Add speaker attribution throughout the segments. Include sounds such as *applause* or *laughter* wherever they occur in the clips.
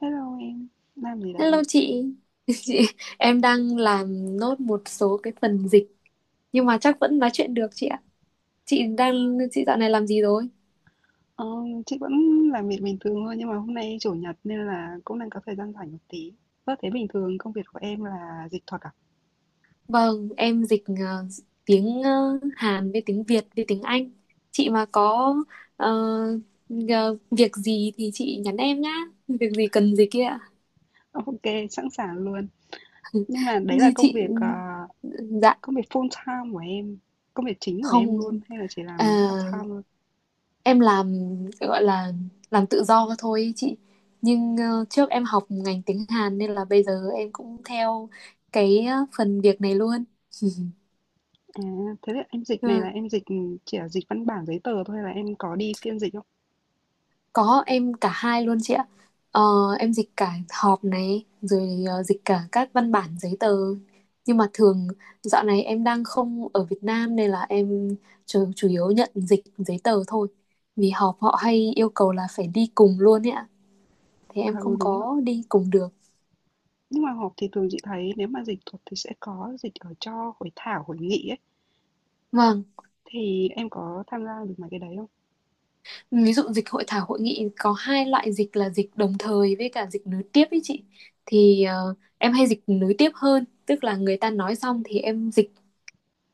Speaker 1: Hello em, làm gì
Speaker 2: Hello
Speaker 1: đấy?
Speaker 2: chị. *laughs* Chị, em đang làm nốt một số cái phần dịch nhưng mà chắc vẫn nói chuyện được chị ạ. Chị đang chị dạo này làm gì rồi?
Speaker 1: Ờ, chị vẫn làm việc bình thường thôi nhưng mà hôm nay chủ nhật nên là cũng đang có thời gian rảnh một tí. Ơ thế bình thường công việc của em là dịch thuật à?
Speaker 2: Vâng, em dịch tiếng Hàn với tiếng Việt với tiếng Anh. Chị mà có ờ, ờ, việc gì thì chị nhắn em nhá. Việc gì cần dịch kia ạ.
Speaker 1: Ờ, Ok, sẵn sàng luôn.
Speaker 2: *laughs*
Speaker 1: Nhưng mà đấy là
Speaker 2: Chị, chị dạ,
Speaker 1: công việc full time của em, công việc chính của em
Speaker 2: không.
Speaker 1: luôn hay là chỉ
Speaker 2: À,
Speaker 1: làm part time thôi?
Speaker 2: em làm gọi là làm tự do thôi ý chị nhưng trước em học ngành tiếng Hàn nên là bây giờ em cũng theo cái phần việc này luôn. *laughs*
Speaker 1: À, thế là em dịch này là
Speaker 2: Ừ,
Speaker 1: em dịch chỉ là dịch văn bản giấy tờ thôi hay là em có đi phiên dịch không?
Speaker 2: có em cả hai luôn chị ạ. Ờ, em dịch cả họp này rồi dịch cả các văn bản giấy tờ, nhưng mà thường dạo này em đang không ở Việt Nam nên là em chủ yếu nhận dịch giấy tờ thôi, vì họp họ hay yêu cầu là phải đi cùng luôn ấy ạ, thì
Speaker 1: À
Speaker 2: em
Speaker 1: ừ
Speaker 2: không
Speaker 1: đúng rồi.
Speaker 2: có đi cùng được.
Speaker 1: Nhưng mà họp thì thường chị thấy nếu mà dịch thuật thì sẽ có dịch ở cho hội thảo, hội nghị ấy.
Speaker 2: Vâng,
Speaker 1: Thì em có tham gia được mấy cái đấy không?
Speaker 2: ví dụ dịch hội thảo hội nghị có hai loại dịch là dịch đồng thời với cả dịch nối tiếp ấy chị, thì em hay dịch nối tiếp hơn, tức là người ta nói xong thì em dịch,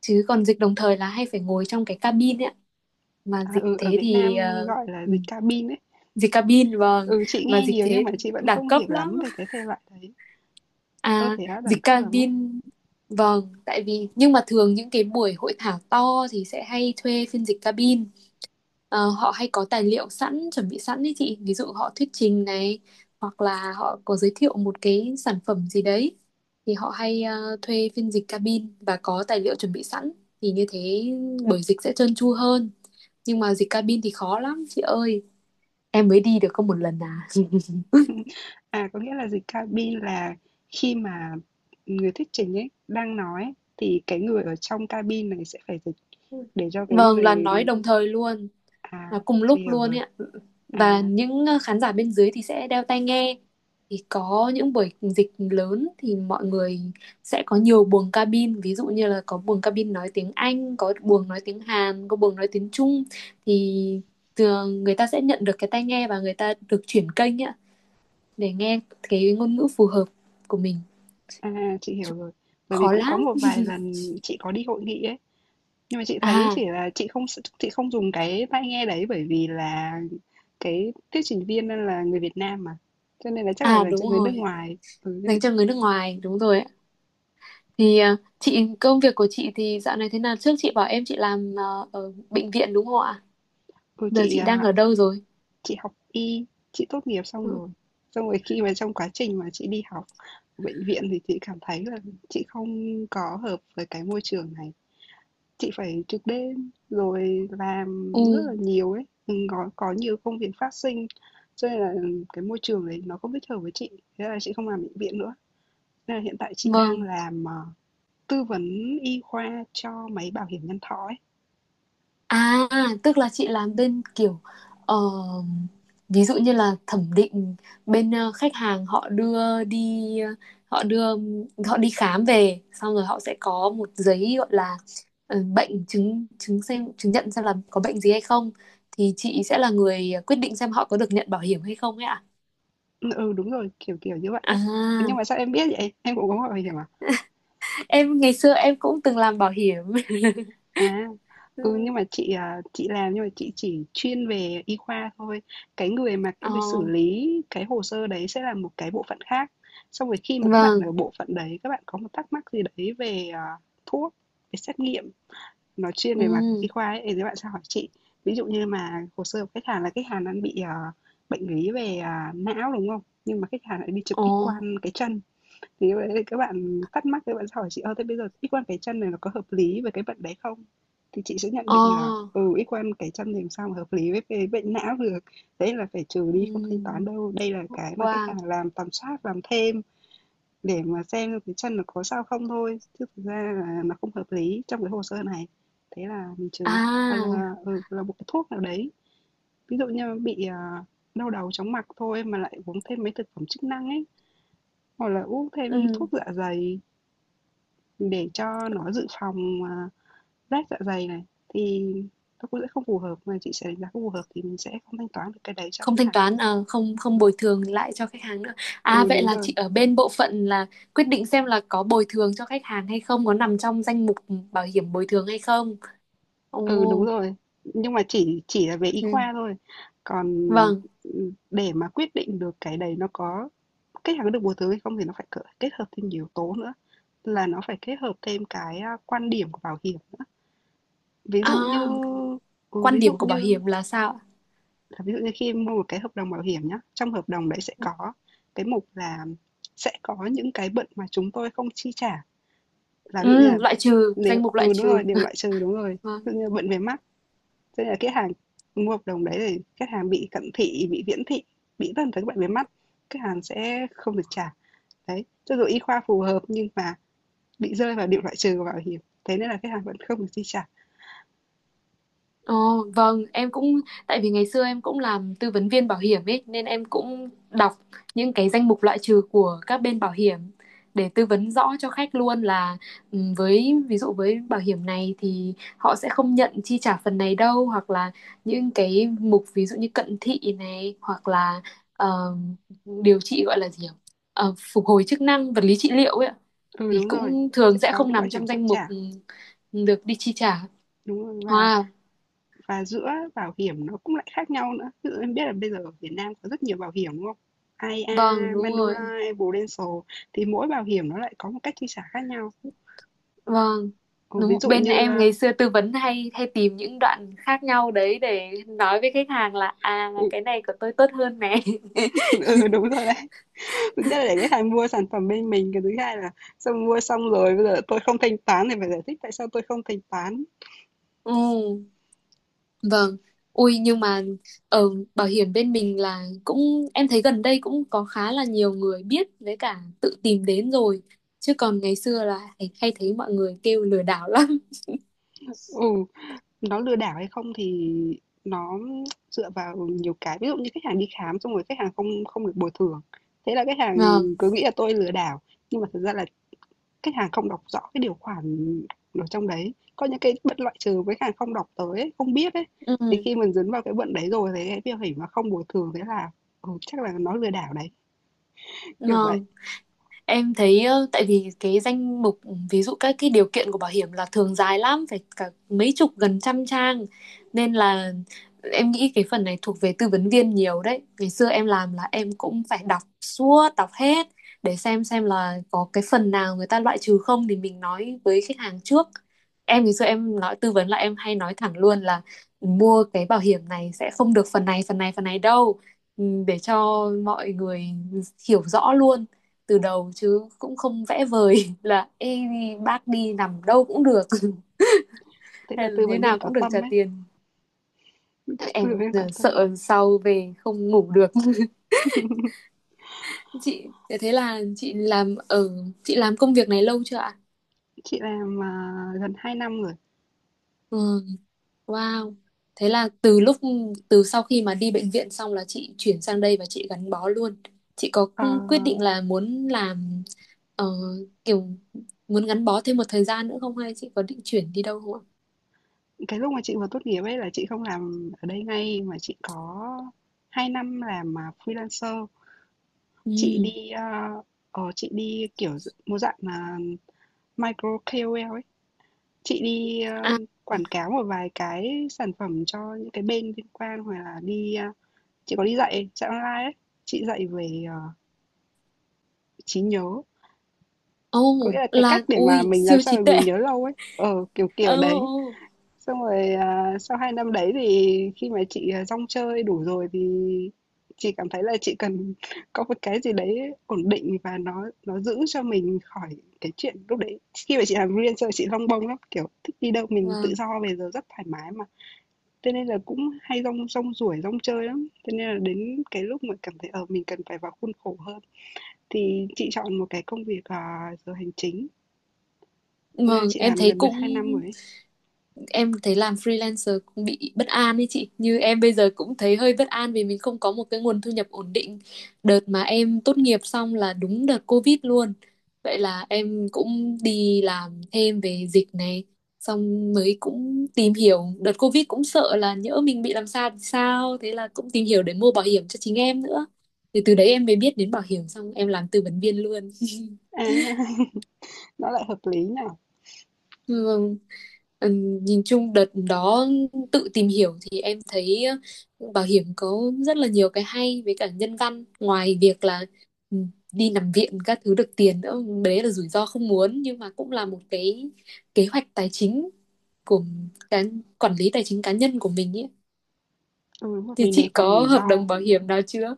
Speaker 2: chứ còn dịch đồng thời là hay phải ngồi trong cái cabin ấy ạ. Mà
Speaker 1: À,
Speaker 2: dịch
Speaker 1: ừ, ở
Speaker 2: thế
Speaker 1: Việt Nam
Speaker 2: thì
Speaker 1: gọi là
Speaker 2: ừ,
Speaker 1: dịch cabin ấy.
Speaker 2: dịch cabin, vâng.
Speaker 1: Ừ, chị
Speaker 2: Mà
Speaker 1: nghe
Speaker 2: dịch
Speaker 1: nhiều nhưng
Speaker 2: thế
Speaker 1: mà chị vẫn
Speaker 2: đẳng
Speaker 1: không
Speaker 2: cấp
Speaker 1: hiểu lắm
Speaker 2: lắm
Speaker 1: về cái thể loại đấy. Ơ
Speaker 2: à?
Speaker 1: thế á, đẳng
Speaker 2: Dịch
Speaker 1: cấp lắm á.
Speaker 2: cabin, vâng, tại vì nhưng mà thường những cái buổi hội thảo to thì sẽ hay thuê phiên dịch cabin. Họ hay có tài liệu sẵn, chuẩn bị sẵn đấy chị. Ví dụ họ thuyết trình này, hoặc là họ có giới thiệu một cái sản phẩm gì đấy. Thì họ hay thuê phiên dịch cabin và có tài liệu chuẩn bị sẵn. Thì như thế buổi dịch sẽ trơn tru hơn. Nhưng mà dịch cabin thì khó lắm chị ơi. Em mới đi được có một lần à. *laughs*
Speaker 1: *laughs* À, có nghĩa là dịch cabin là khi mà người thuyết trình ấy đang nói ấy, thì cái người ở trong cabin này sẽ phải dịch để cho cái
Speaker 2: Vâng, là
Speaker 1: người.
Speaker 2: nói đồng thời luôn.
Speaker 1: À,
Speaker 2: Là cùng
Speaker 1: chị
Speaker 2: lúc
Speaker 1: hiểu
Speaker 2: luôn
Speaker 1: rồi.
Speaker 2: ấy ạ.
Speaker 1: À,
Speaker 2: Và những khán giả bên dưới thì sẽ đeo tai nghe, thì có những buổi dịch lớn thì mọi người sẽ có nhiều buồng cabin, ví dụ như là có buồng cabin nói tiếng Anh, có buồng nói tiếng Hàn, có buồng nói tiếng Trung, thì thường người ta sẽ nhận được cái tai nghe và người ta được chuyển kênh ấy ạ, để nghe cái ngôn ngữ phù hợp của mình.
Speaker 1: à, chị hiểu
Speaker 2: Chứ
Speaker 1: rồi. Bởi vì
Speaker 2: khó
Speaker 1: cũng có
Speaker 2: lắm.
Speaker 1: một vài lần chị có đi hội nghị ấy. Nhưng mà chị thấy
Speaker 2: À,
Speaker 1: chỉ là chị không dùng cái tai nghe đấy, bởi vì là cái thuyết trình viên là người Việt Nam mà, cho nên là chắc là
Speaker 2: à,
Speaker 1: dành
Speaker 2: đúng
Speaker 1: cho người nước
Speaker 2: rồi,
Speaker 1: ngoài. Ừ, cho nên
Speaker 2: dành cho người nước ngoài, đúng rồi ạ. Thì chị công việc của chị thì dạo này thế nào? Trước chị bảo em chị làm ở bệnh viện đúng không ạ?
Speaker 1: ừ,
Speaker 2: Giờ
Speaker 1: chị,
Speaker 2: chị đang
Speaker 1: à,
Speaker 2: ở đâu rồi?
Speaker 1: chị học y, chị tốt nghiệp xong
Speaker 2: Ừ,
Speaker 1: rồi. Xong rồi khi mà trong quá trình mà chị đi học ở bệnh viện thì chị cảm thấy là chị không có hợp với cái môi trường này. Chị phải trực đêm rồi làm
Speaker 2: ừ,
Speaker 1: rất là nhiều ấy, có nhiều công việc phát sinh, cho nên là cái môi trường đấy nó không thích hợp với chị, thế là chị không làm bệnh viện nữa. Nên là hiện tại chị đang
Speaker 2: vâng.
Speaker 1: làm, tư vấn y khoa cho mấy bảo hiểm nhân thọ ấy.
Speaker 2: À, tức là chị làm bên kiểu ờ, ví dụ như là thẩm định, bên khách hàng họ đưa đi họ đưa họ đi khám về xong rồi họ sẽ có một giấy gọi là bệnh chứng chứng xem chứng nhận xem là có bệnh gì hay không, thì chị sẽ là người quyết định xem họ có được nhận bảo hiểm hay không ấy ạ.
Speaker 1: Ừ, ừ, đúng rồi, kiểu kiểu như vậy ấy.
Speaker 2: À.
Speaker 1: Nhưng mà sao em biết vậy? Em cũng có gọi bảo hiểm à?
Speaker 2: Em ngày xưa em cũng từng làm bảo hiểm. *laughs*
Speaker 1: À,
Speaker 2: Ừ.
Speaker 1: ừ, nhưng mà chị làm, nhưng mà chị chỉ chuyên về y khoa thôi. Cái người mà
Speaker 2: Ờ.
Speaker 1: cái người xử lý cái hồ sơ đấy sẽ là một cái bộ phận khác. Xong rồi khi mà các bạn
Speaker 2: Vâng.
Speaker 1: ở bộ phận đấy, các bạn có một thắc mắc gì đấy về thuốc, về xét nghiệm, nói chuyên
Speaker 2: Ừ.
Speaker 1: về mặt y khoa ấy, thì các bạn sẽ hỏi chị. Ví dụ như mà hồ sơ của khách hàng là khách hàng đang bị, bệnh lý về, não, đúng không? Nhưng mà khách hàng lại đi chụp
Speaker 2: Ồ.
Speaker 1: X-quang cái chân, thì các bạn thắc mắc, các bạn sẽ hỏi chị: "Ơ, thế bây giờ X-quang cái chân này nó có hợp lý với cái bệnh đấy không?" Thì chị sẽ nhận
Speaker 2: Ờ.
Speaker 1: định là, X-quang cái chân thì làm sao mà hợp lý với cái bệnh não được, đấy là phải trừ đi, không thanh toán
Speaker 2: Ừ.
Speaker 1: đâu. Đây là cái mà khách
Speaker 2: Wow.
Speaker 1: hàng làm tầm soát, làm thêm để mà xem cái chân nó có sao không thôi, chứ thực ra là nó không hợp lý trong cái hồ sơ này, thế là mình trừ. Hoặc là
Speaker 2: À.
Speaker 1: là một cái thuốc nào đấy, ví dụ như bị đau đầu chóng mặt thôi mà lại uống thêm mấy thực phẩm chức năng ấy, hoặc là uống thêm thuốc
Speaker 2: Ừ,
Speaker 1: dạ dày để cho nó dự phòng rách dạ dày này, thì nó cũng sẽ không phù hợp, mà chị sẽ đánh giá không phù hợp thì mình sẽ không thanh toán được cái đấy cho khách
Speaker 2: không thanh
Speaker 1: hàng.
Speaker 2: toán à, không không
Speaker 1: Ừ.
Speaker 2: bồi thường lại cho khách hàng nữa. À,
Speaker 1: Ừ
Speaker 2: vậy
Speaker 1: đúng
Speaker 2: là
Speaker 1: rồi.
Speaker 2: chị ở bên bộ phận là quyết định xem là có bồi thường cho khách hàng hay không, có nằm trong danh mục bảo hiểm bồi thường hay không.
Speaker 1: Ừ, đúng
Speaker 2: Ồ.
Speaker 1: rồi. Nhưng mà chỉ là về y
Speaker 2: Ừ.
Speaker 1: khoa thôi. Còn,
Speaker 2: Vâng.
Speaker 1: để mà quyết định được cái đấy nó có khách hàng có được bồi thường hay không thì nó phải cỡ kết hợp thêm nhiều yếu tố nữa, là nó phải kết hợp thêm cái, quan điểm của bảo hiểm nữa. Ví dụ
Speaker 2: À,
Speaker 1: như ừ,
Speaker 2: quan
Speaker 1: ví dụ
Speaker 2: điểm của bảo
Speaker 1: như
Speaker 2: hiểm là sao ạ?
Speaker 1: ví dụ như khi mua một cái hợp đồng bảo hiểm nhá, trong hợp đồng đấy sẽ có cái mục là sẽ có những cái bệnh mà chúng tôi không chi trả, là
Speaker 2: Ừ,
Speaker 1: ví dụ như là
Speaker 2: loại trừ, danh mục loại
Speaker 1: đúng rồi,
Speaker 2: trừ.
Speaker 1: đều loại trừ, đúng rồi. Ví dụ
Speaker 2: *laughs*
Speaker 1: như là bệnh về mắt. Cho nên là khách hàng mua hợp đồng đấy thì khách hàng bị cận thị, bị viễn thị, bị tất cả các bệnh về mắt, khách hàng sẽ không được trả. Đấy, cho dù y khoa phù hợp nhưng mà bị rơi vào điểm loại trừ của bảo hiểm, thế nên là khách hàng vẫn không được chi trả.
Speaker 2: Ồ, vâng, em cũng tại vì ngày xưa em cũng làm tư vấn viên bảo hiểm ấy nên em cũng đọc những cái danh mục loại trừ của các bên bảo hiểm để tư vấn rõ cho khách luôn là với ví dụ với bảo hiểm này thì họ sẽ không nhận chi trả phần này đâu, hoặc là những cái mục ví dụ như cận thị này, hoặc là ờ, điều trị gọi là gì nhỉ? Phục hồi chức năng vật lý trị liệu ấy ạ,
Speaker 1: Ừ
Speaker 2: thì
Speaker 1: đúng rồi,
Speaker 2: cũng
Speaker 1: sẽ
Speaker 2: thường sẽ
Speaker 1: có
Speaker 2: không
Speaker 1: những bảo
Speaker 2: nằm
Speaker 1: hiểm
Speaker 2: trong
Speaker 1: không
Speaker 2: danh mục
Speaker 1: trả.
Speaker 2: được đi chi trả.
Speaker 1: Đúng rồi, và
Speaker 2: Wow,
Speaker 1: và giữa bảo hiểm nó cũng lại khác nhau nữa. Ví dụ em biết là bây giờ ở Việt Nam có rất nhiều bảo hiểm đúng không? I a
Speaker 2: vâng, đúng rồi.
Speaker 1: Manulife, Prudential, thì mỗi bảo hiểm nó lại có một cách chi trả khác nhau.
Speaker 2: Vâng,
Speaker 1: Ừ,
Speaker 2: đúng
Speaker 1: ví dụ
Speaker 2: bên
Speaker 1: như
Speaker 2: em ngày xưa tư vấn hay hay tìm những đoạn khác nhau đấy để nói với khách hàng là à
Speaker 1: ừ,
Speaker 2: cái này của tôi tốt hơn này. *laughs*
Speaker 1: *laughs* ừ, đúng rồi đấy, thứ nhất là để khách hàng mua sản phẩm bên mình, cái thứ hai là xong mua xong rồi bây giờ tôi không thanh toán thì phải giải thích tại sao tôi không thanh toán.
Speaker 2: Ừ, vâng. Ui nhưng mà ở bảo hiểm bên mình là cũng em thấy gần đây cũng có khá là nhiều người biết với cả tự tìm đến rồi. Chứ còn ngày xưa là hay thấy mọi người kêu lừa đảo *laughs* lắm.
Speaker 1: Ừ, nó lừa đảo hay không thì nó dựa vào nhiều cái, ví dụ như khách hàng đi khám xong rồi khách hàng không không được bồi thường, thế là khách hàng
Speaker 2: Vâng.
Speaker 1: cứ nghĩ là tôi lừa đảo, nhưng mà thật ra là khách hàng không đọc rõ cái điều khoản, ở trong đấy có những cái bất loại trừ với khách hàng không đọc tới ấy, không biết ấy, thì
Speaker 2: Ừ.
Speaker 1: khi mình dấn vào cái bận đấy rồi thì cái việc hỉ mà không bồi thường, thế là chắc là nó lừa đảo đấy, kiểu vậy.
Speaker 2: Vâng. Em thấy tại vì cái danh mục ví dụ các cái điều kiện của bảo hiểm là thường dài lắm phải cả mấy chục gần trăm trang, nên là em nghĩ cái phần này thuộc về tư vấn viên nhiều đấy. Ngày xưa em làm là em cũng phải đọc suốt, đọc hết để xem là có cái phần nào người ta loại trừ không thì mình nói với khách hàng trước. Em ngày xưa em nói tư vấn là em hay nói thẳng luôn là mua cái bảo hiểm này sẽ không được phần này, phần này, phần này đâu. Ừ, để cho mọi người hiểu rõ luôn từ đầu chứ cũng không vẽ vời *laughs* là ê, bác đi nằm đâu cũng được *laughs*
Speaker 1: Thế là
Speaker 2: hay là
Speaker 1: tư
Speaker 2: như
Speaker 1: vấn viên
Speaker 2: nào
Speaker 1: có
Speaker 2: cũng được trả
Speaker 1: tâm ấy,
Speaker 2: tiền.
Speaker 1: tư vấn
Speaker 2: Em
Speaker 1: viên có tâm.
Speaker 2: sợ sau về không ngủ được. *laughs* Chị, thế là chị làm công việc này lâu chưa ạ?
Speaker 1: Chị làm, gần 2 năm rồi.
Speaker 2: Ừ, wow. Thế là từ sau khi mà đi bệnh viện xong là chị chuyển sang đây và chị gắn bó luôn. Chị có
Speaker 1: Ờ,
Speaker 2: quyết định là muốn làm ờ, kiểu muốn gắn bó thêm một thời gian nữa không, hay chị có định chuyển đi đâu không ạ?
Speaker 1: cái lúc mà chị vừa tốt nghiệp ấy là chị không làm ở đây ngay mà chị có 2 năm làm, freelancer. Chị
Speaker 2: Ừ.
Speaker 1: đi, a, ờ, chị đi, kiểu, một dạng là micro KOL ấy. Chị đi,
Speaker 2: À.
Speaker 1: quảng cáo một vài cái sản phẩm cho những cái bên liên quan, hoặc là đi, a chị có đi dạy dạy online ấy. Chị dạy về, trí nhớ, có nghĩa
Speaker 2: Ồ,
Speaker 1: là cái cách
Speaker 2: là
Speaker 1: để mà
Speaker 2: ui
Speaker 1: mình làm
Speaker 2: siêu
Speaker 1: sao
Speaker 2: trí
Speaker 1: để
Speaker 2: tuệ.
Speaker 1: mình nhớ lâu ấy, kiểu,
Speaker 2: Ồ,
Speaker 1: kiểu đấy.
Speaker 2: ồ.
Speaker 1: Xong rồi, sau 2 năm đấy thì khi mà chị rong chơi đủ rồi thì chị cảm thấy là chị cần *laughs* có một cái gì đấy ổn định, và nó giữ cho mình khỏi cái chuyện lúc đấy, khi mà chị làm freelancer chị lông bông lắm, kiểu, thích đi đâu mình tự
Speaker 2: Vâng,
Speaker 1: do về giờ rất thoải mái mà. Thế nên là cũng hay rong rong ruổi, rong chơi lắm, thế nên là đến cái lúc mà cảm thấy, mình cần phải vào khuôn khổ hơn thì chị chọn một cái công việc, giờ hành chính. Na,
Speaker 2: vâng,
Speaker 1: chị
Speaker 2: em
Speaker 1: làm
Speaker 2: thấy
Speaker 1: gần được
Speaker 2: cũng
Speaker 1: 2 năm rồi ấy.
Speaker 2: em thấy làm freelancer cũng bị bất an ấy chị, như em bây giờ cũng thấy hơi bất an vì mình không có một cái nguồn thu nhập ổn định. Đợt mà em tốt nghiệp xong là đúng đợt Covid luôn, vậy là em cũng đi làm thêm về dịch này, xong mới cũng tìm hiểu đợt Covid cũng sợ là nhỡ mình bị làm sao thì sao, thế là cũng tìm hiểu để mua bảo hiểm cho chính em nữa, thì từ đấy em mới biết đến bảo hiểm xong em làm tư vấn viên luôn. *laughs*
Speaker 1: À, *laughs* nó lại hợp lý nhỉ?
Speaker 2: Ừ. Ừ, nhìn chung đợt đó tự tìm hiểu thì em thấy bảo hiểm có rất là nhiều cái hay với cả nhân văn, ngoài việc là ừ, đi nằm viện các thứ được tiền nữa, đấy là rủi ro không muốn nhưng mà cũng là một cái kế hoạch tài chính của cái quản lý tài chính cá nhân của mình ấy.
Speaker 1: Ừ,
Speaker 2: Thì
Speaker 1: mình đề
Speaker 2: chị
Speaker 1: phòng
Speaker 2: có
Speaker 1: rủi
Speaker 2: hợp đồng
Speaker 1: ro.
Speaker 2: bảo hiểm nào chưa?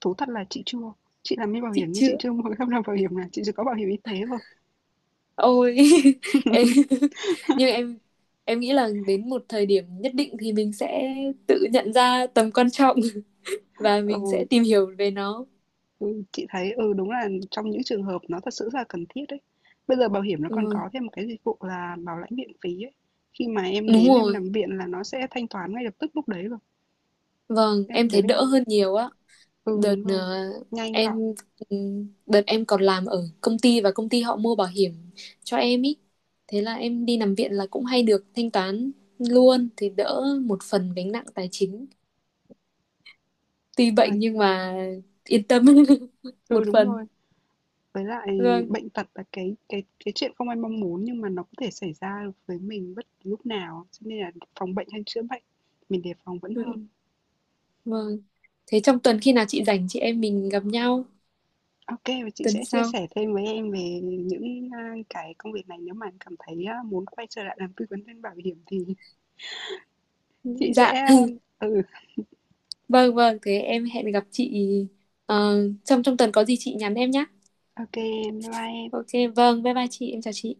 Speaker 1: Thú thật là chị chưa. Chị làm mấy bảo hiểm
Speaker 2: Chị
Speaker 1: nhưng chị
Speaker 2: chưa,
Speaker 1: chưa mua cái hợp đồng bảo hiểm nào, chị chỉ có bảo hiểm y tế thôi.
Speaker 2: ôi. *laughs* Em, nhưng em nghĩ là đến một thời điểm nhất định thì mình sẽ tự nhận ra tầm quan trọng và mình
Speaker 1: Ừ,
Speaker 2: sẽ tìm hiểu về nó.
Speaker 1: ừ, chị thấy đúng là trong những trường hợp nó thật sự rất là cần thiết đấy. Bây giờ bảo hiểm nó còn
Speaker 2: Ừ,
Speaker 1: có thêm một cái dịch vụ là bảo lãnh viện phí ấy. Khi mà em
Speaker 2: đúng
Speaker 1: đến em
Speaker 2: rồi.
Speaker 1: nằm viện là nó sẽ thanh toán ngay lập tức lúc đấy rồi.
Speaker 2: Vâng, em
Speaker 1: Em
Speaker 2: thấy
Speaker 1: đến
Speaker 2: đỡ
Speaker 1: em-
Speaker 2: hơn nhiều á.
Speaker 1: ừ
Speaker 2: Đợt
Speaker 1: đúng rồi. Nhanh gọn.
Speaker 2: em ừ, đợt em còn làm ở công ty và công ty họ mua bảo hiểm cho em ý. Thế là em đi nằm viện là cũng hay được thanh toán luôn thì đỡ một phần gánh nặng tài chính. Tuy bệnh nhưng mà yên tâm *laughs*
Speaker 1: Ừ
Speaker 2: một
Speaker 1: đúng rồi.
Speaker 2: phần.
Speaker 1: Với lại
Speaker 2: Vâng.
Speaker 1: bệnh tật là cái chuyện không ai mong muốn, nhưng mà nó có thể xảy ra với mình bất cứ lúc nào, cho nên là phòng bệnh hay chữa bệnh, mình đề phòng vẫn hơn.
Speaker 2: Vâng. Thế trong tuần khi nào chị rảnh chị em mình gặp nhau
Speaker 1: Ok, và chị
Speaker 2: tuần
Speaker 1: sẽ chia
Speaker 2: sau.
Speaker 1: sẻ thêm với em về những, cái công việc này nếu mà em cảm thấy, muốn quay trở lại làm tư vấn viên bảo hiểm thì *laughs* chị
Speaker 2: Dạ.
Speaker 1: sẽ, ừ,
Speaker 2: Vâng vâng, thế em hẹn gặp chị ờ, trong trong tuần có gì chị nhắn em nhé.
Speaker 1: ô kê, bye bye em.
Speaker 2: Ok, vâng, bye bye chị, em chào chị.